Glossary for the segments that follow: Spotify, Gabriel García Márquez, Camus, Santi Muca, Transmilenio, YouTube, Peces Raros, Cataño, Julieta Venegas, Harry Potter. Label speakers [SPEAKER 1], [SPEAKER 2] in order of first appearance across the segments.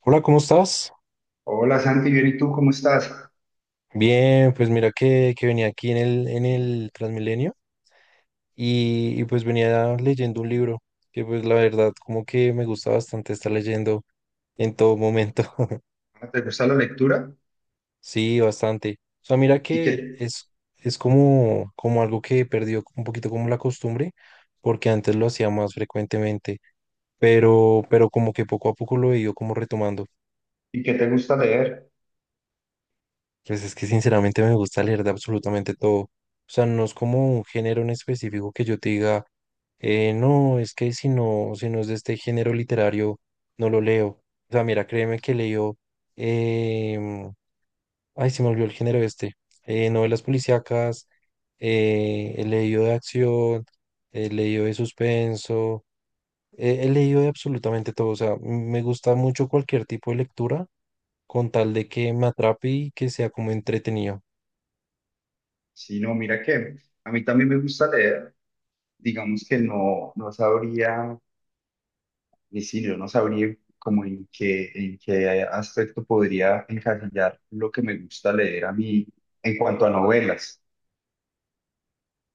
[SPEAKER 1] Hola, ¿cómo estás?
[SPEAKER 2] Hola Santi, bien, ¿y tú cómo estás?
[SPEAKER 1] Bien, pues mira que venía aquí en el Transmilenio y pues venía leyendo un libro que pues la verdad como que me gusta bastante estar leyendo en todo momento.
[SPEAKER 2] Ah, ¿te gusta la lectura?
[SPEAKER 1] Sí, bastante. O sea, mira
[SPEAKER 2] ¿Y
[SPEAKER 1] que
[SPEAKER 2] qué,
[SPEAKER 1] es como, como algo que he perdido un poquito como la costumbre porque antes lo hacía más frecuentemente, pero como que poco a poco lo he ido como retomando.
[SPEAKER 2] y qué te gusta leer?
[SPEAKER 1] Pues es que sinceramente me gusta leer de absolutamente todo. O sea, no es como un género en específico que yo te diga, no, es que si no, si no es de este género literario, no lo leo. O sea, mira, créeme que leo, em, ay, se me olvidó el género este, novelas policíacas, he leído de acción, he leído de suspenso, he leído de absolutamente todo. O sea, me gusta mucho cualquier tipo de lectura con tal de que me atrape y que sea como entretenido.
[SPEAKER 2] Sí, no, mira que a mí también me gusta leer. Digamos que no sabría, ni si yo no sabría como en qué aspecto podría encasillar lo que me gusta leer a mí en cuanto a novelas.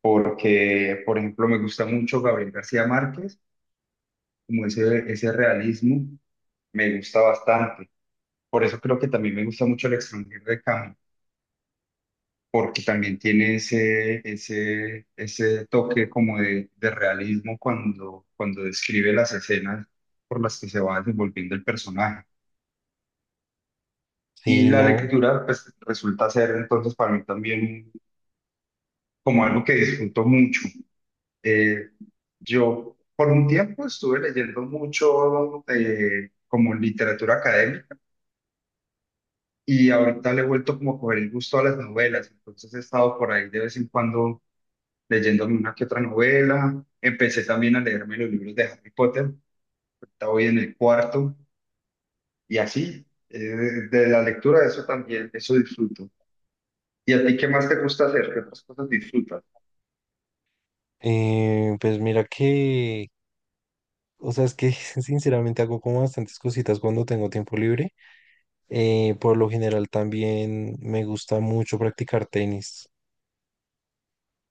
[SPEAKER 2] Porque, por ejemplo, me gusta mucho Gabriel García Márquez, como ese realismo me gusta bastante. Por eso creo que también me gusta mucho El extranjero de Camus porque también tiene ese toque como de realismo cuando describe las escenas por las que se va desenvolviendo el personaje. Y
[SPEAKER 1] Sí,
[SPEAKER 2] la
[SPEAKER 1] no,
[SPEAKER 2] lectura, pues, resulta ser entonces para mí también como algo que disfruto mucho. Eh, yo por un tiempo estuve leyendo mucho como literatura académica y ahorita le he vuelto como a coger el gusto a las novelas, entonces he estado por ahí de vez en cuando leyéndome una que otra novela. Empecé también a leerme los libros de Harry Potter, ahorita voy en el cuarto, y así, de la lectura de eso también, eso disfruto. ¿Y a ti qué más te gusta hacer? ¿Qué otras cosas disfrutas?
[SPEAKER 1] pues mira que, o sea, es que sinceramente hago como bastantes cositas cuando tengo tiempo libre. Por lo general también me gusta mucho practicar tenis.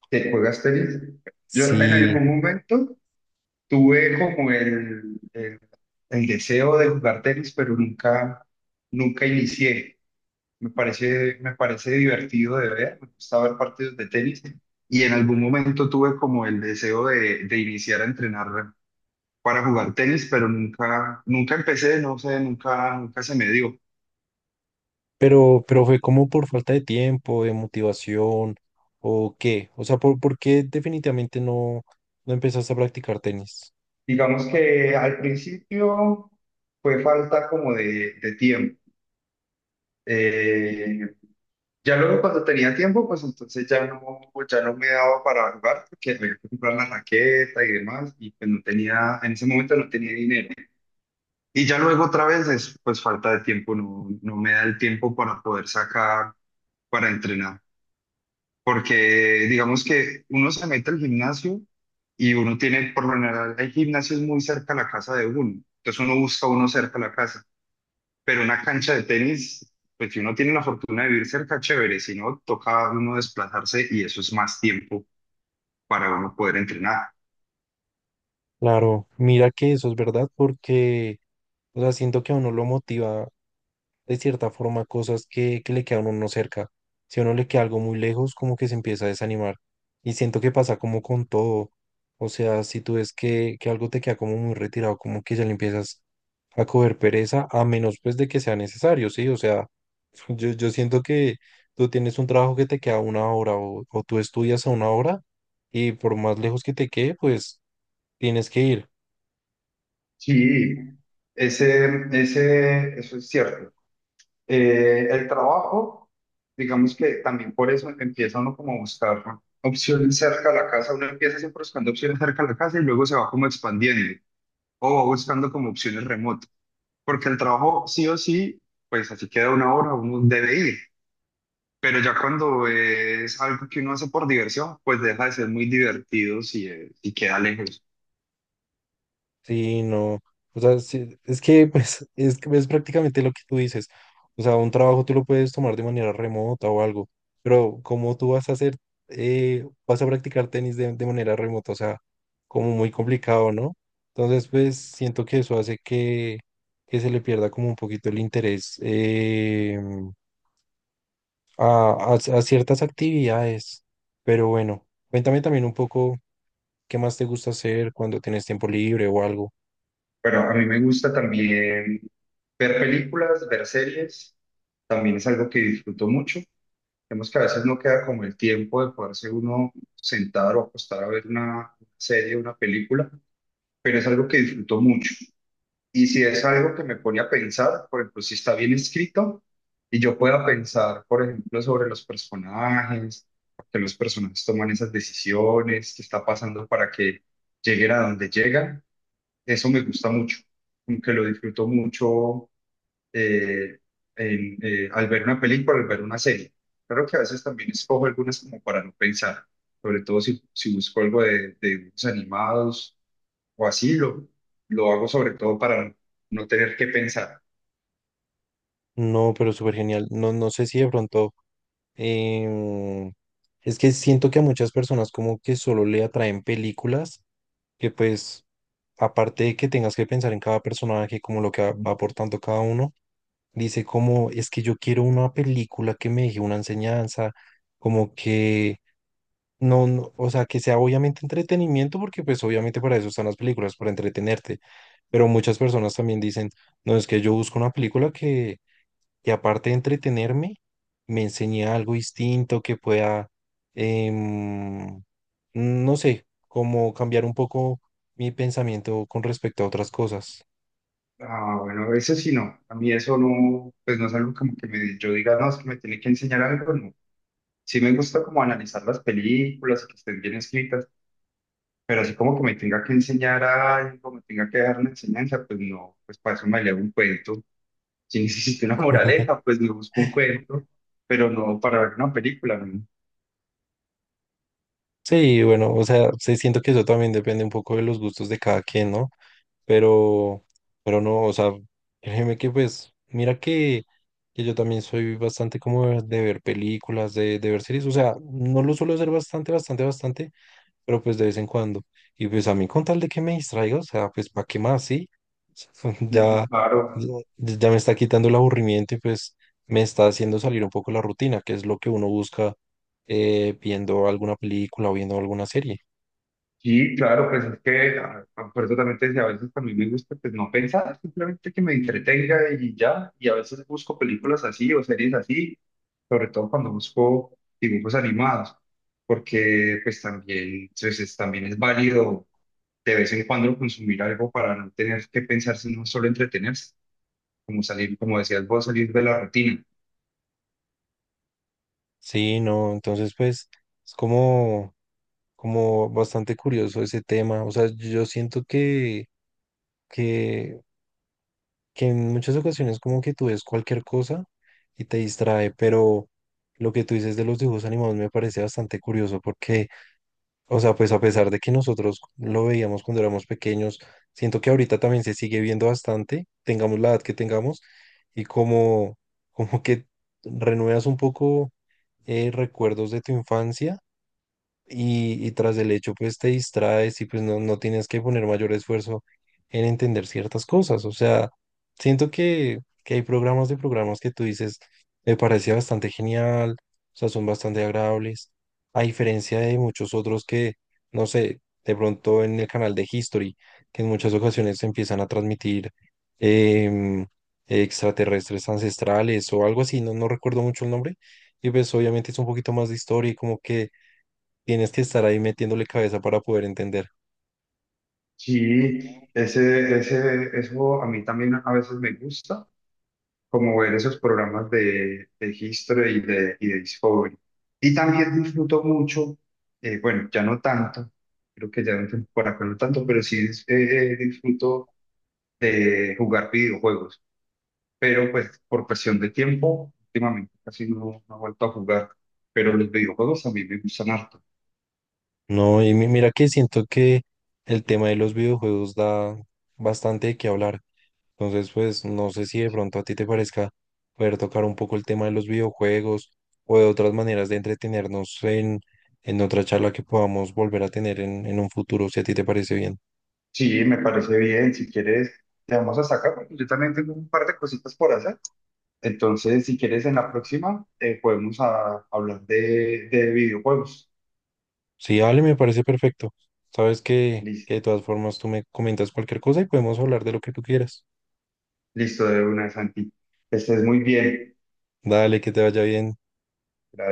[SPEAKER 2] ¿Te juegas tenis? Yo en
[SPEAKER 1] Sí,
[SPEAKER 2] algún momento tuve como el deseo de jugar tenis, pero nunca, nunca inicié. Me parece divertido de ver, me gusta ver partidos de tenis y en algún momento tuve como el deseo de iniciar a entrenar para jugar tenis, pero nunca, nunca empecé, no sé, nunca, nunca se me dio.
[SPEAKER 1] pero fue como por falta de tiempo, de motivación o qué. O sea, por qué definitivamente no empezaste a practicar tenis?
[SPEAKER 2] Digamos que al principio fue falta como de tiempo. Eh, ya luego cuando tenía tiempo, pues entonces ya no, pues ya no me daba para jugar porque había que comprar la raqueta y demás y pues no tenía, en ese momento no tenía dinero. Y ya luego otra vez es pues falta de tiempo, no, no me da el tiempo para poder sacar, para entrenar. Porque digamos que uno se mete al gimnasio y uno tiene, por lo general, hay gimnasios muy cerca a la casa de uno. Entonces uno busca uno cerca a la casa. Pero una cancha de tenis, pues si uno tiene la fortuna de vivir cerca, chévere. Si no, toca uno desplazarse y eso es más tiempo para uno poder entrenar.
[SPEAKER 1] Claro, mira que eso es verdad porque, o sea, siento que a uno lo motiva de cierta forma cosas que le quedan a uno no cerca. Si a uno le queda algo muy lejos, como que se empieza a desanimar. Y siento que pasa como con todo. O sea, si tú ves que algo te queda como muy retirado, como que ya le empiezas a coger pereza, a menos pues de que sea necesario, ¿sí? O sea, yo siento que tú tienes un trabajo que te queda una hora o tú estudias a una hora y por más lejos que te quede, pues tienes que ir.
[SPEAKER 2] Sí, eso es cierto. El trabajo, digamos que también por eso empieza uno como a buscar opciones cerca de la casa, uno empieza siempre buscando opciones cerca de la casa y luego se va como expandiendo o va buscando como opciones remotas, porque el trabajo sí o sí, pues así queda una hora, uno debe ir, pero ya cuando es algo que uno hace por diversión, pues deja de ser muy divertido si, si queda lejos.
[SPEAKER 1] Sí, no. O sea, sí, es que pues, es, que es prácticamente lo que tú dices. O sea, un trabajo tú lo puedes tomar de manera remota o algo, pero ¿cómo tú vas a hacer, vas a practicar tenis de manera remota? O sea, como muy complicado, ¿no? Entonces, pues siento que eso hace que se le pierda como un poquito el interés a ciertas actividades. Pero bueno, cuéntame también un poco qué más te gusta hacer cuando tienes tiempo libre o algo.
[SPEAKER 2] Pero a mí me gusta también ver películas, ver series, también es algo que disfruto mucho. Vemos que a veces no queda como el tiempo de poderse uno sentar o acostar a ver una serie, una película, pero es algo que disfruto mucho. Y si es algo que me pone a pensar, por ejemplo, si está bien escrito y yo pueda pensar, por ejemplo, sobre los personajes, por qué los personajes toman esas decisiones, qué está pasando para que lleguen a donde llegan, eso me gusta mucho, como que lo disfruto mucho eh, en, al ver una película, al ver una serie. Claro que a veces también escojo algunas como para no pensar, sobre todo si, si busco algo de dibujos animados o así, lo hago sobre todo para no tener que pensar.
[SPEAKER 1] No, pero súper genial. No, no sé si de pronto em, es que siento que a muchas personas como que solo le atraen películas que pues, aparte de que tengas que pensar en cada personaje, como lo que va aportando cada uno, dice como, es que yo quiero una película que me deje una enseñanza, como que... No, no, o sea, que sea obviamente entretenimiento, porque pues obviamente para eso están las películas, para entretenerte. Pero muchas personas también dicen, no, es que yo busco una película que aparte de entretenerme, me enseñe algo distinto que pueda, em, no sé, como cambiar un poco mi pensamiento con respecto a otras cosas.
[SPEAKER 2] Ah, bueno, a veces sí no. A mí eso no, pues no es algo como que me, yo diga, no, es que me tiene que enseñar algo, no. Sí me gusta como analizar las películas y que estén bien escritas, pero así como que me tenga que enseñar algo, me tenga que dejar una enseñanza, pues no, pues para eso me leo un cuento. Si necesito una moraleja, pues me busco un cuento, pero no para ver una película, ¿no?
[SPEAKER 1] Sí, bueno, o sea, sí siento que eso también depende un poco de los gustos de cada quien, ¿no? Pero, pero no, o sea, créeme que pues, mira que yo también soy bastante como de ver películas, de ver series, o sea, no lo suelo hacer bastante, bastante, bastante, pero pues de vez en cuando. Y pues a mí con tal de que me distraiga, o sea, pues ¿para qué más? Sí, ya,
[SPEAKER 2] Sí, claro,
[SPEAKER 1] ya, ya me está quitando el aburrimiento y pues me está haciendo salir un poco la rutina, que es lo que uno busca viendo alguna película o viendo alguna serie.
[SPEAKER 2] sí, claro, pues es que por eso también te decía, a veces también me gusta pues no pensar, simplemente que me entretenga y ya, y a veces busco películas así o series así, sobre todo cuando busco dibujos animados, porque pues también, pues, también es válido de vez en cuando consumir algo para no tener que pensar, sino solo entretenerse, como salir, como decías vos, salir de la rutina.
[SPEAKER 1] Sí, no, entonces pues es como, como bastante curioso ese tema. O sea, yo siento que que en muchas ocasiones como que tú ves cualquier cosa y te distrae, pero lo que tú dices de los dibujos animados me parece bastante curioso porque, o sea, pues a pesar de que nosotros lo veíamos cuando éramos pequeños, siento que ahorita también se sigue viendo bastante, tengamos la edad que tengamos, y como, como que renuevas un poco recuerdos de tu infancia y tras el hecho pues te distraes y pues no, no tienes que poner mayor esfuerzo en entender ciertas cosas. O sea, siento que hay programas de programas que tú dices, me parece bastante genial, o sea, son bastante agradables, a diferencia de muchos otros que, no sé, de pronto en el canal de History, que en muchas ocasiones empiezan a transmitir em, extraterrestres ancestrales o algo así, no, no recuerdo mucho el nombre. Y pues obviamente es un poquito más de historia y como que tienes que estar ahí metiéndole cabeza para poder entender.
[SPEAKER 2] Sí, eso a mí también a veces me gusta, como ver esos programas de History y de Discovery. Y también disfruto mucho, bueno, ya no tanto, creo que ya no tengo por acá no tanto, pero sí disfruto de jugar videojuegos. Pero pues por presión de tiempo, últimamente casi no, no he vuelto a jugar, pero los videojuegos a mí me gustan harto.
[SPEAKER 1] No, y mira que siento que el tema de los videojuegos da bastante de qué hablar. Entonces, pues no sé si de pronto a ti te parezca poder tocar un poco el tema de los videojuegos o de otras maneras de entretenernos en otra charla que podamos volver a tener en un futuro, si a ti te parece bien.
[SPEAKER 2] Sí, me parece bien, si quieres, te vamos a sacar, porque yo también tengo un par de cositas por hacer. Entonces, si quieres, en la próxima podemos hablar de videojuegos.
[SPEAKER 1] Sí, Ale, me parece perfecto. Sabes que
[SPEAKER 2] Listo,
[SPEAKER 1] de todas formas tú me comentas cualquier cosa y podemos hablar de lo que tú quieras.
[SPEAKER 2] listo de una, Santi. Que estés muy bien.
[SPEAKER 1] Dale, que te vaya bien.
[SPEAKER 2] Gracias.